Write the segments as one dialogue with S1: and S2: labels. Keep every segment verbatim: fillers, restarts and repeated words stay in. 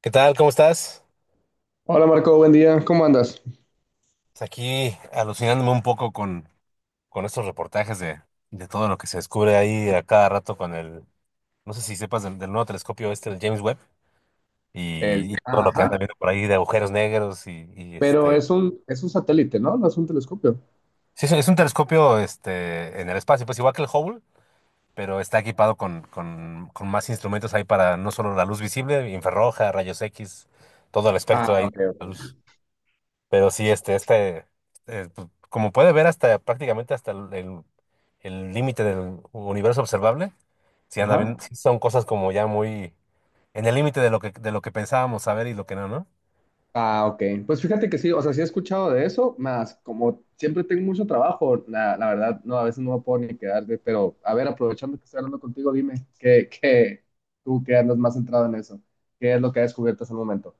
S1: ¿Qué tal? ¿Cómo estás?
S2: Hola Marco, buen día, ¿cómo andas?
S1: Pues aquí alucinándome un poco con, con estos reportajes de, de todo lo que se descubre ahí a cada rato con el, no sé si sepas del, del nuevo telescopio este, el James Webb,
S2: El,
S1: y, y todo lo que
S2: ajá,
S1: anda viendo por ahí de agujeros negros y, y
S2: pero
S1: este...
S2: es un, es un satélite, ¿no? No es un telescopio.
S1: Sí, es, un es un telescopio este, en el espacio, pues igual que el Hubble, pero está equipado con, con, con más instrumentos ahí para no solo la luz visible, infrarroja, rayos X, todo el espectro ahí
S2: Ah, ok,
S1: de la
S2: ok.
S1: luz. Pero sí, este, este, eh, pu- como puede ver hasta prácticamente hasta el el- el límite del universo observable, sí anda
S2: Ajá.
S1: bien, sí son cosas como ya muy en el límite de lo que, de lo que pensábamos saber y lo que no, ¿no?
S2: Ah, ok. Pues fíjate que sí, o sea, sí he escuchado de eso, más como siempre tengo mucho trabajo, la, la verdad, no, a veces no me puedo ni quedar de, pero a ver, aprovechando que estoy hablando contigo, dime, ¿qué, qué, tú que andas más centrado en eso? ¿Qué es lo que has descubierto hasta el momento?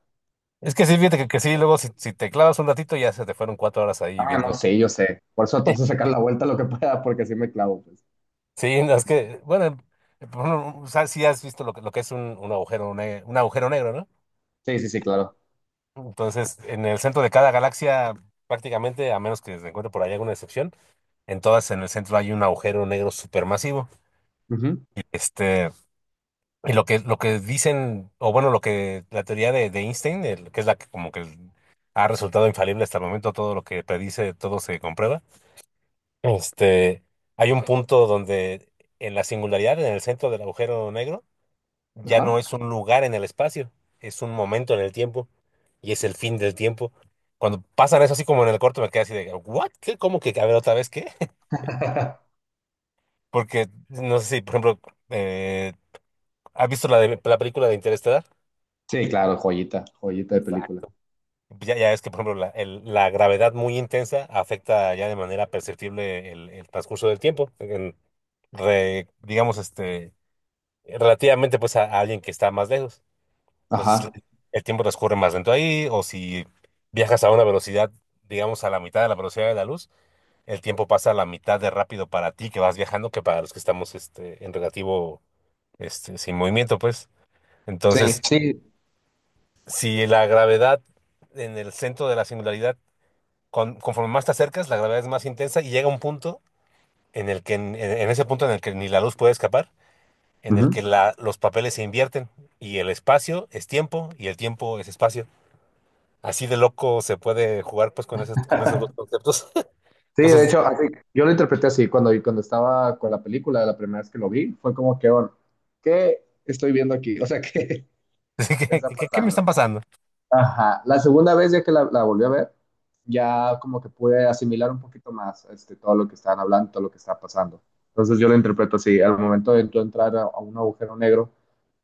S1: Es que sí, fíjate que, que sí, luego si, si te clavas un ratito ya se te fueron cuatro horas ahí
S2: Ah, no
S1: viendo.
S2: sé, yo sé. Por eso trato de sacar la vuelta lo que pueda, porque así me clavo, pues.
S1: Sí, no, es que, bueno, eh, por ejemplo, o sea, sí has visto lo que, lo que es un, un agujero, ne- un agujero negro, ¿no?
S2: Sí, sí, sí, claro.
S1: Entonces, en el centro de cada galaxia, prácticamente, a menos que se encuentre por ahí alguna excepción, entonces en el centro hay un agujero negro supermasivo.
S2: Ujú.
S1: Este, y lo que, lo que dicen, o bueno, lo que la teoría de, de Einstein, el- que es la que como que ha resultado infalible hasta el momento, todo lo que predice, todo se comprueba. Este, hay un punto donde en la singularidad, en el centro del agujero negro, ya no
S2: Ajá.
S1: es un lugar en el espacio, es un momento en el tiempo y es el fin del tiempo. Cuando pasan eso así como en el corto me quedé así de, ¿what? ¿Qué? ¿Cómo que? A ver, otra vez, ¿qué? Porque no sé si, por ejemplo, eh, ¿has visto la, de, la película de Interestelar?
S2: Sí, claro, joyita, joyita de película.
S1: Exacto. Ya, ya es que, por ejemplo, la, el- la gravedad muy intensa afecta ya de manera perceptible el, el transcurso del tiempo, en- re- digamos, este, relativamente pues a, a alguien que está más lejos. Entonces,
S2: Ajá.
S1: el tiempo transcurre más lento ahí, o si viajas a una velocidad, digamos, a la mitad de la velocidad de la luz, el tiempo pasa a la mitad de rápido para ti que vas viajando que para los que estamos este, en relativo, este, sin movimiento, pues.
S2: Sí,
S1: Entonces,
S2: sí.
S1: si la gravedad en el centro de la singularidad, con- conforme más te acercas, la gravedad es más intensa y llega un punto en el que, en, en ese punto en el que ni la luz puede escapar, en el
S2: Ujú.
S1: que la- los papeles se invierten y el espacio es tiempo y el tiempo es espacio. Así de loco se puede jugar pues con esos, con esos dos conceptos.
S2: Sí, de
S1: Entonces,
S2: hecho, así, yo lo interpreté así cuando, cuando estaba con la película, la primera vez que lo vi, fue como que, bueno, ¿qué estoy viendo aquí? O sea, ¿qué
S1: ¿qué,
S2: está
S1: qué- qué me
S2: pasando?
S1: están pasando?
S2: Ajá. La segunda vez ya que la, la volví a ver, ya como que pude asimilar un poquito más este, todo lo que estaban hablando, todo lo que estaba pasando. Entonces yo lo interpreto así, al momento de tú entrar a, a un agujero negro,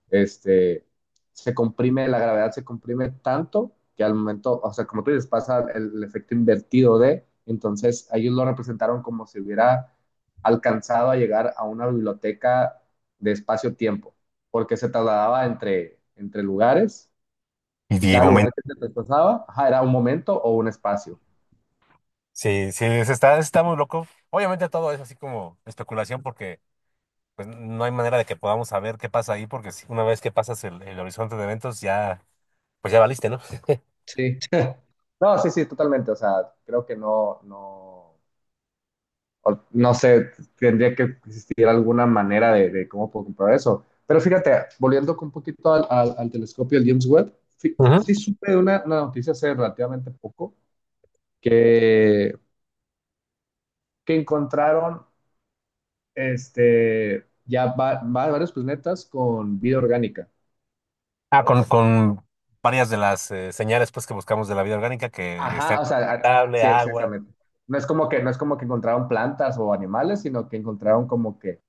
S2: este, se comprime, la gravedad se comprime tanto que al momento, o sea, como tú dices, pasa el, efecto invertido de, entonces ellos lo representaron como si hubiera alcanzado a llegar a una biblioteca de espacio-tiempo, porque se trasladaba entre, entre lugares
S1: Y
S2: y
S1: de
S2: cada lugar
S1: momento.
S2: que se desplazaba ajá, era un momento o un espacio.
S1: Sí, sí, se está, está muy loco. Obviamente todo es así como especulación porque pues no hay manera de que podamos saber qué pasa ahí, porque si una vez que pasas el, el horizonte de eventos, ya, pues ya valiste, ¿no?
S2: Sí. No, sí, sí, totalmente, o sea, creo que no, no, o no sé, tendría que existir alguna manera de, de cómo puedo comprar eso. Pero fíjate, volviendo un poquito al, al, al telescopio del James Webb, sí,
S1: Ujú.
S2: sí supe de una, una noticia hace relativamente poco que, que encontraron este, ya va- va- varios planetas con vida orgánica.
S1: Ah, con, con varias de las eh, señales pues, que buscamos de la vida orgánica, que
S2: Ajá,
S1: estén
S2: o sea, a-
S1: habitable,
S2: sí,
S1: agua,
S2: exactamente. No es como que, no es como que encontraron plantas o animales, sino que encontraron como que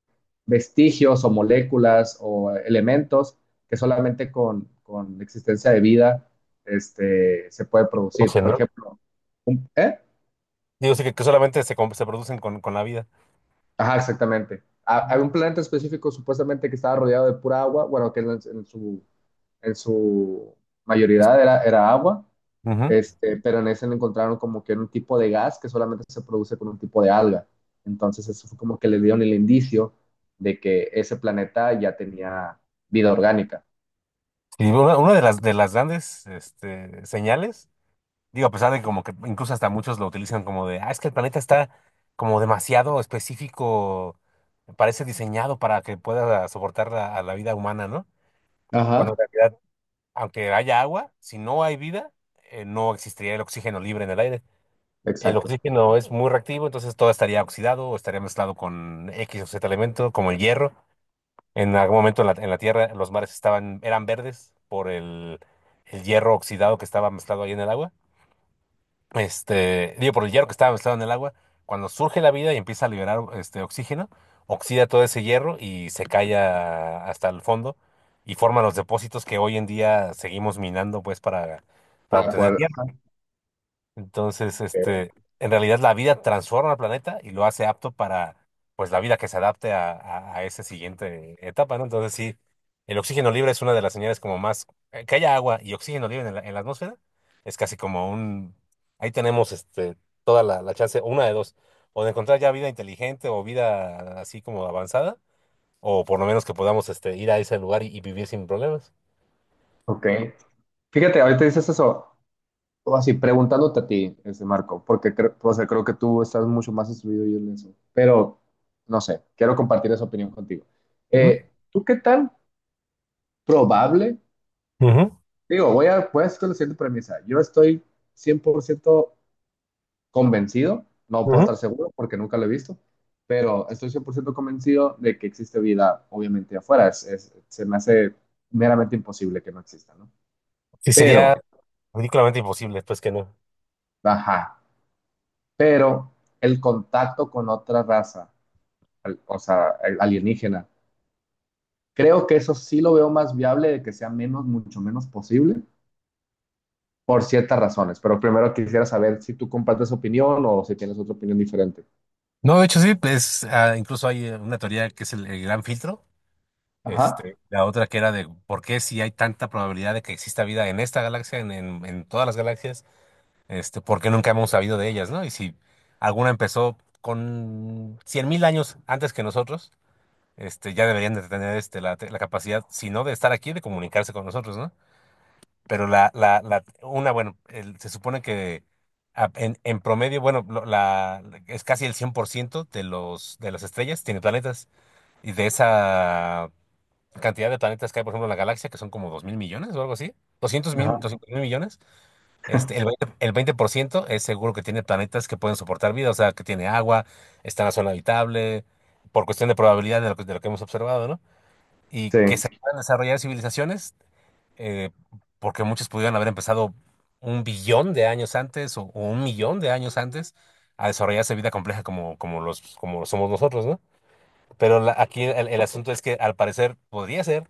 S2: vestigios o moléculas o elementos que solamente con, con existencia de vida este, se puede producir.
S1: producen
S2: Por
S1: ¿no?
S2: ejemplo, ¿eh?
S1: Digo, sí, que, que solamente se, com- se producen con, con la vida.
S2: Ajá, exactamente. Ha- Hay
S1: Ujú.
S2: un planeta específico supuestamente que estaba rodeado de pura agua, bueno, que en, en su, en su
S1: Es-
S2: mayoría era, era agua,
S1: ujú.
S2: este, pero en ese encontraron como que un tipo de gas que solamente se produce con un tipo de alga. Entonces eso fue como que le dieron el indicio de que ese planeta ya tenía vida orgánica.
S1: Y una, una de las, de las grandes este, señales. Digo, a pesar de como que incluso hasta muchos lo utilizan como de, ah, es que el planeta está como demasiado específico, parece diseñado para que pueda soportar la- a la vida humana, ¿no? Cuando en
S2: Ajá.
S1: realidad, aunque haya agua, si no hay vida, eh, no existiría el oxígeno libre en el aire. El
S2: Exacto.
S1: oxígeno es muy reactivo, entonces todo estaría oxidado o estaría mezclado con X o Z elemento, como el hierro. En algún momento en la, en la Tierra los mares estaban, eran verdes por el, el hierro oxidado que estaba mezclado ahí en el agua. Este, digo, por el hierro que estaba mezclado en el agua, cuando surge la vida y empieza a liberar este oxígeno, oxida todo ese hierro y se cae a- hasta el fondo y forma los depósitos que hoy en día seguimos minando pues para, para
S2: Para sí
S1: obtener
S2: poder, ajá.
S1: entonces, este, en realidad la vida transforma al planeta y lo hace apto para, pues, la vida que se adapte a, a, a esa siguiente etapa, ¿no? Entonces, sí, el oxígeno libre es una de las señales como más, eh, que haya agua y oxígeno libre en la, en la atmósfera, es casi como un, ahí tenemos, este, toda la, la chance, una de dos, o de encontrar ya vida inteligente o vida así como avanzada, o por lo menos que podamos, este, ir a ese lugar y, y vivir sin problemas.
S2: Ok, ok. Fíjate, ahorita dices eso, o así, preguntándote a ti, ese Marco, porque creo, o sea, creo que tú estás mucho más instruido yo en eso. Pero, no sé, quiero compartir esa opinión contigo.
S1: Ujú,
S2: Eh, ¿tú qué tan probable?
S1: ujú,
S2: Digo, voy a, voy a hacer la siguiente premisa. Yo estoy cien por ciento convencido, no puedo
S1: ujú.
S2: estar seguro porque nunca lo he visto, pero estoy cien por ciento convencido de que existe vida, obviamente, afuera. Es- es- se me hace meramente imposible que no exista, ¿no?
S1: Sí,
S2: Pero
S1: sería ridículamente imposible, pues que no.
S2: ajá, pero el contacto con otra raza, al- o sea, al- alienígena, creo que eso sí lo veo más viable de que sea menos, mucho menos posible, por ciertas razones. Pero primero quisiera saber si tú compartes opinión o si tienes otra opinión diferente.
S1: No, de hecho sí, pues ah, incluso hay eh, una teoría que es el, el gran filtro,
S2: Ajá.
S1: este, la otra que era de por qué si hay tanta probabilidad de que exista vida en esta galaxia, en, en, en todas las galaxias, este, por qué nunca hemos sabido de ellas, ¿no? Y si alguna empezó con cien mil años antes que nosotros, este, ya deberían de tener este, la, la capacidad, si no de estar aquí, de comunicarse con nosotros, ¿no? Pero la, la, la, una, bueno, el- se supone que a- en, en promedio, bueno, lo- la, es casi el cien por ciento de los, de las estrellas tiene planetas. Y de esa cantidad de planetas que hay, por ejemplo, en la galaxia, que son como dos mil millones o algo así, doscientos mil,
S2: Ajá.
S1: doscientos mil millones, este, el veinte el veinte por ciento es seguro que tiene planetas que pueden soportar vida, o sea, que tiene agua, está en la zona habitable, por cuestión de probabilidad de lo que, de lo que hemos observado, ¿no? Y
S2: Sí,
S1: que se puedan desarrollar civilizaciones eh, porque muchos pudieran haber empezado un billón de años antes o, o un millón de años antes a desarrollarse vida compleja como, como los, como lo somos nosotros, ¿no? Pero la- aquí el, el asunto es que al parecer podría ser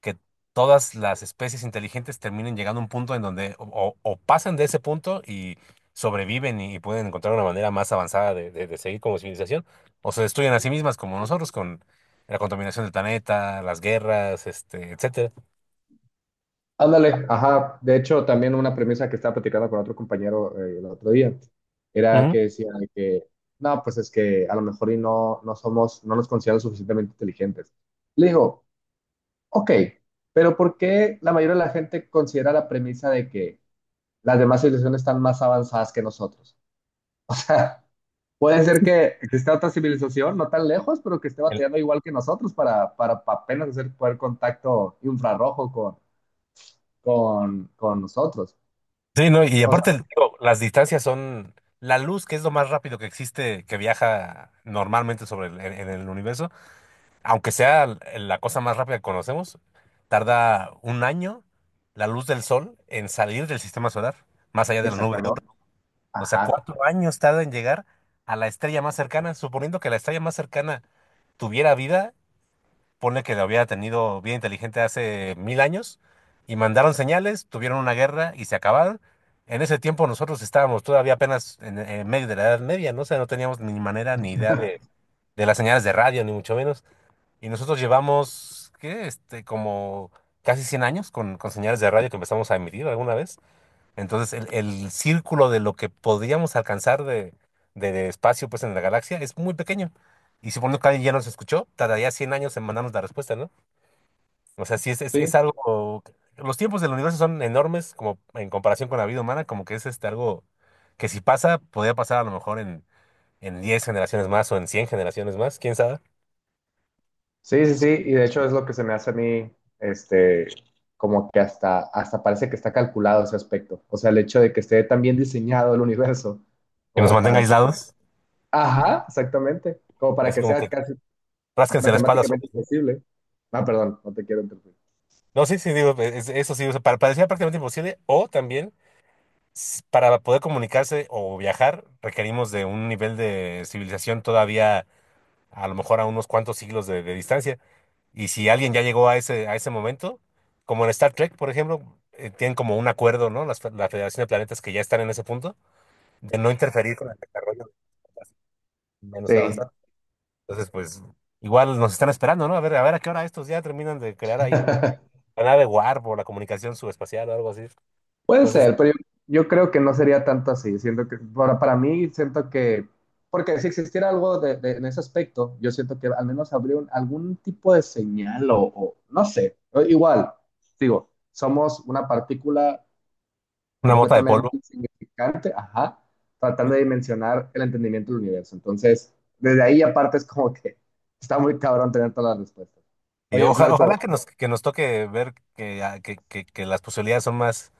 S1: que todas las especies inteligentes terminen llegando a un punto en donde o, o- o pasan de ese punto y sobreviven y, pueden encontrar una manera más avanzada de, de de seguir como civilización, o se destruyen a sí mismas como nosotros con la contaminación del planeta, las guerras, este, etcétera.
S2: ándale, ajá. De hecho, también una premisa que estaba platicando con otro compañero eh, el otro día era que
S1: Ujú.
S2: decía que, no, pues es que a lo mejor y no, no somos, no nos consideramos suficientemente inteligentes. Le digo, ok, pero ¿por qué la mayoría de la gente considera la premisa de que las demás civilizaciones están más avanzadas que nosotros? O sea, puede ser que exista otra civilización, no tan lejos, pero que esté batallando igual que nosotros para, para, para apenas hacer poder contacto infrarrojo con, con, con nosotros.
S1: Sí, no, y
S2: O sea,
S1: aparte, digo, las distancias son la luz, que es lo más rápido que existe, que viaja normalmente sobre el, en, en el universo, aunque sea l- la cosa más rápida que conocemos, tarda un año la luz del sol en salir del sistema solar, más allá de la nube de Oort.
S2: exactamente.
S1: O sea,
S2: Ajá.
S1: cuatro años tarda en llegar a la estrella más cercana, suponiendo que la estrella más cercana tuviera vida, ponle que lo hubiera tenido bien inteligente hace mil años, y mandaron señales, tuvieron una guerra y se acabaron. En ese tiempo nosotros estábamos todavía apenas en, en medio de la Edad Media, ¿no? O sea, no teníamos ni manera ni idea de, de las señales de radio, ni mucho menos. Y nosotros llevamos, ¿qué? Este, como casi cien años con, con señales de radio que empezamos a emitir alguna vez. Entonces, el, el círculo de lo que podríamos alcanzar de, de espacio pues, en la galaxia es muy pequeño. Y suponiendo que alguien ya nos escuchó, tardaría cien años en mandarnos la respuesta, ¿no? O sea, sí es, es,
S2: Sí.
S1: es algo... Los tiempos del universo son enormes como en comparación con la vida humana, como que es este, algo que si pasa, podría pasar a lo mejor en, en diez generaciones más o en cien generaciones más, quién sabe.
S2: Sí, sí, sí, y de hecho es lo que se me hace a mí, este, como que hasta, hasta parece que está calculado ese aspecto. O sea, el hecho de que esté tan bien diseñado el universo,
S1: Que nos
S2: como
S1: mantenga
S2: para que...
S1: aislados,
S2: Ajá, exactamente, como para
S1: así
S2: que
S1: como
S2: sea
S1: que
S2: casi
S1: rásquense la espalda
S2: matemáticamente
S1: solos, ¿no?
S2: imposible. Ah, perdón, no te quiero interrumpir.
S1: No, sí, sí, digo, es- eso sí, o sea, pa- parecía prácticamente imposible, o también... s- Para poder comunicarse o viajar, requerimos de un nivel de civilización todavía a lo mejor a unos cuantos siglos de, de distancia. Y si alguien ya llegó a ese, a ese momento, como en Star Trek, por ejemplo, eh, tienen como un acuerdo, ¿no? Las, fe- la Federación de Planetas que ya están en ese punto, de no interferir con el desarrollo menos
S2: Sí.
S1: avanzado. Entonces, pues, igual nos están esperando, ¿no? A ver, a ver a qué hora estos ya terminan de crear ahí un- la nave Warp o la comunicación subespacial o algo así.
S2: Puede
S1: Entonces,
S2: ser, pero yo, yo creo que no sería tanto así. Siento que, para, para mí, siento que, porque si existiera algo de, de- en ese aspecto, yo siento que al menos habría un- algún tipo de señal o, o no sé. O igual, digo, somos una partícula
S1: una mota de
S2: completamente
S1: polvo.
S2: insignificante, ajá, tratando de dimensionar el entendimiento del universo. Entonces, desde ahí aparte es como que está muy cabrón tener todas las respuestas.
S1: Y
S2: Oye,
S1: oja-
S2: Marco,
S1: ojalá que nos, que nos toque ver que, ah, que, que- que las posibilidades son más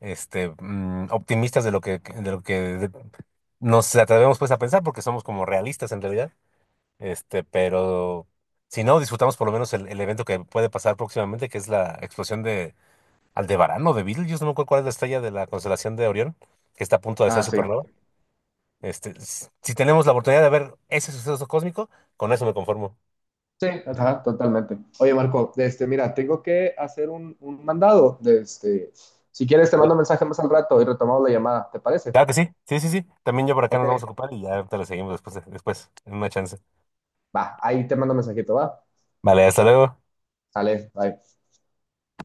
S1: este, mm, optimistas de lo que, de lo que de- nos atrevemos pues a pensar, porque somos como realistas en realidad. Este, pero si no, disfrutamos por lo menos el, el evento que puede pasar próximamente, que es la explosión de Aldebarán o de Betelgeuse, no me acuerdo cuál es la estrella de la constelación de Orión, que está a punto de ser
S2: ah, sí.
S1: supernova. Este, s- si tenemos la oportunidad de ver ese suceso cósmico, con eso me conformo.
S2: Sí, ajá, totalmente. Oye, Marco, este, mira, tengo que hacer un, un mandado. De este, si quieres, te mando un mensaje más al rato y retomamos la llamada. ¿Te parece?
S1: Claro que sí, sí, sí, sí. También ya por acá
S2: Ok,
S1: nos vamos a ocupar y ya te lo seguimos después, después, en una chance.
S2: va, ahí te mando un mensajito, va.
S1: Vale, hasta luego.
S2: Sale, bye.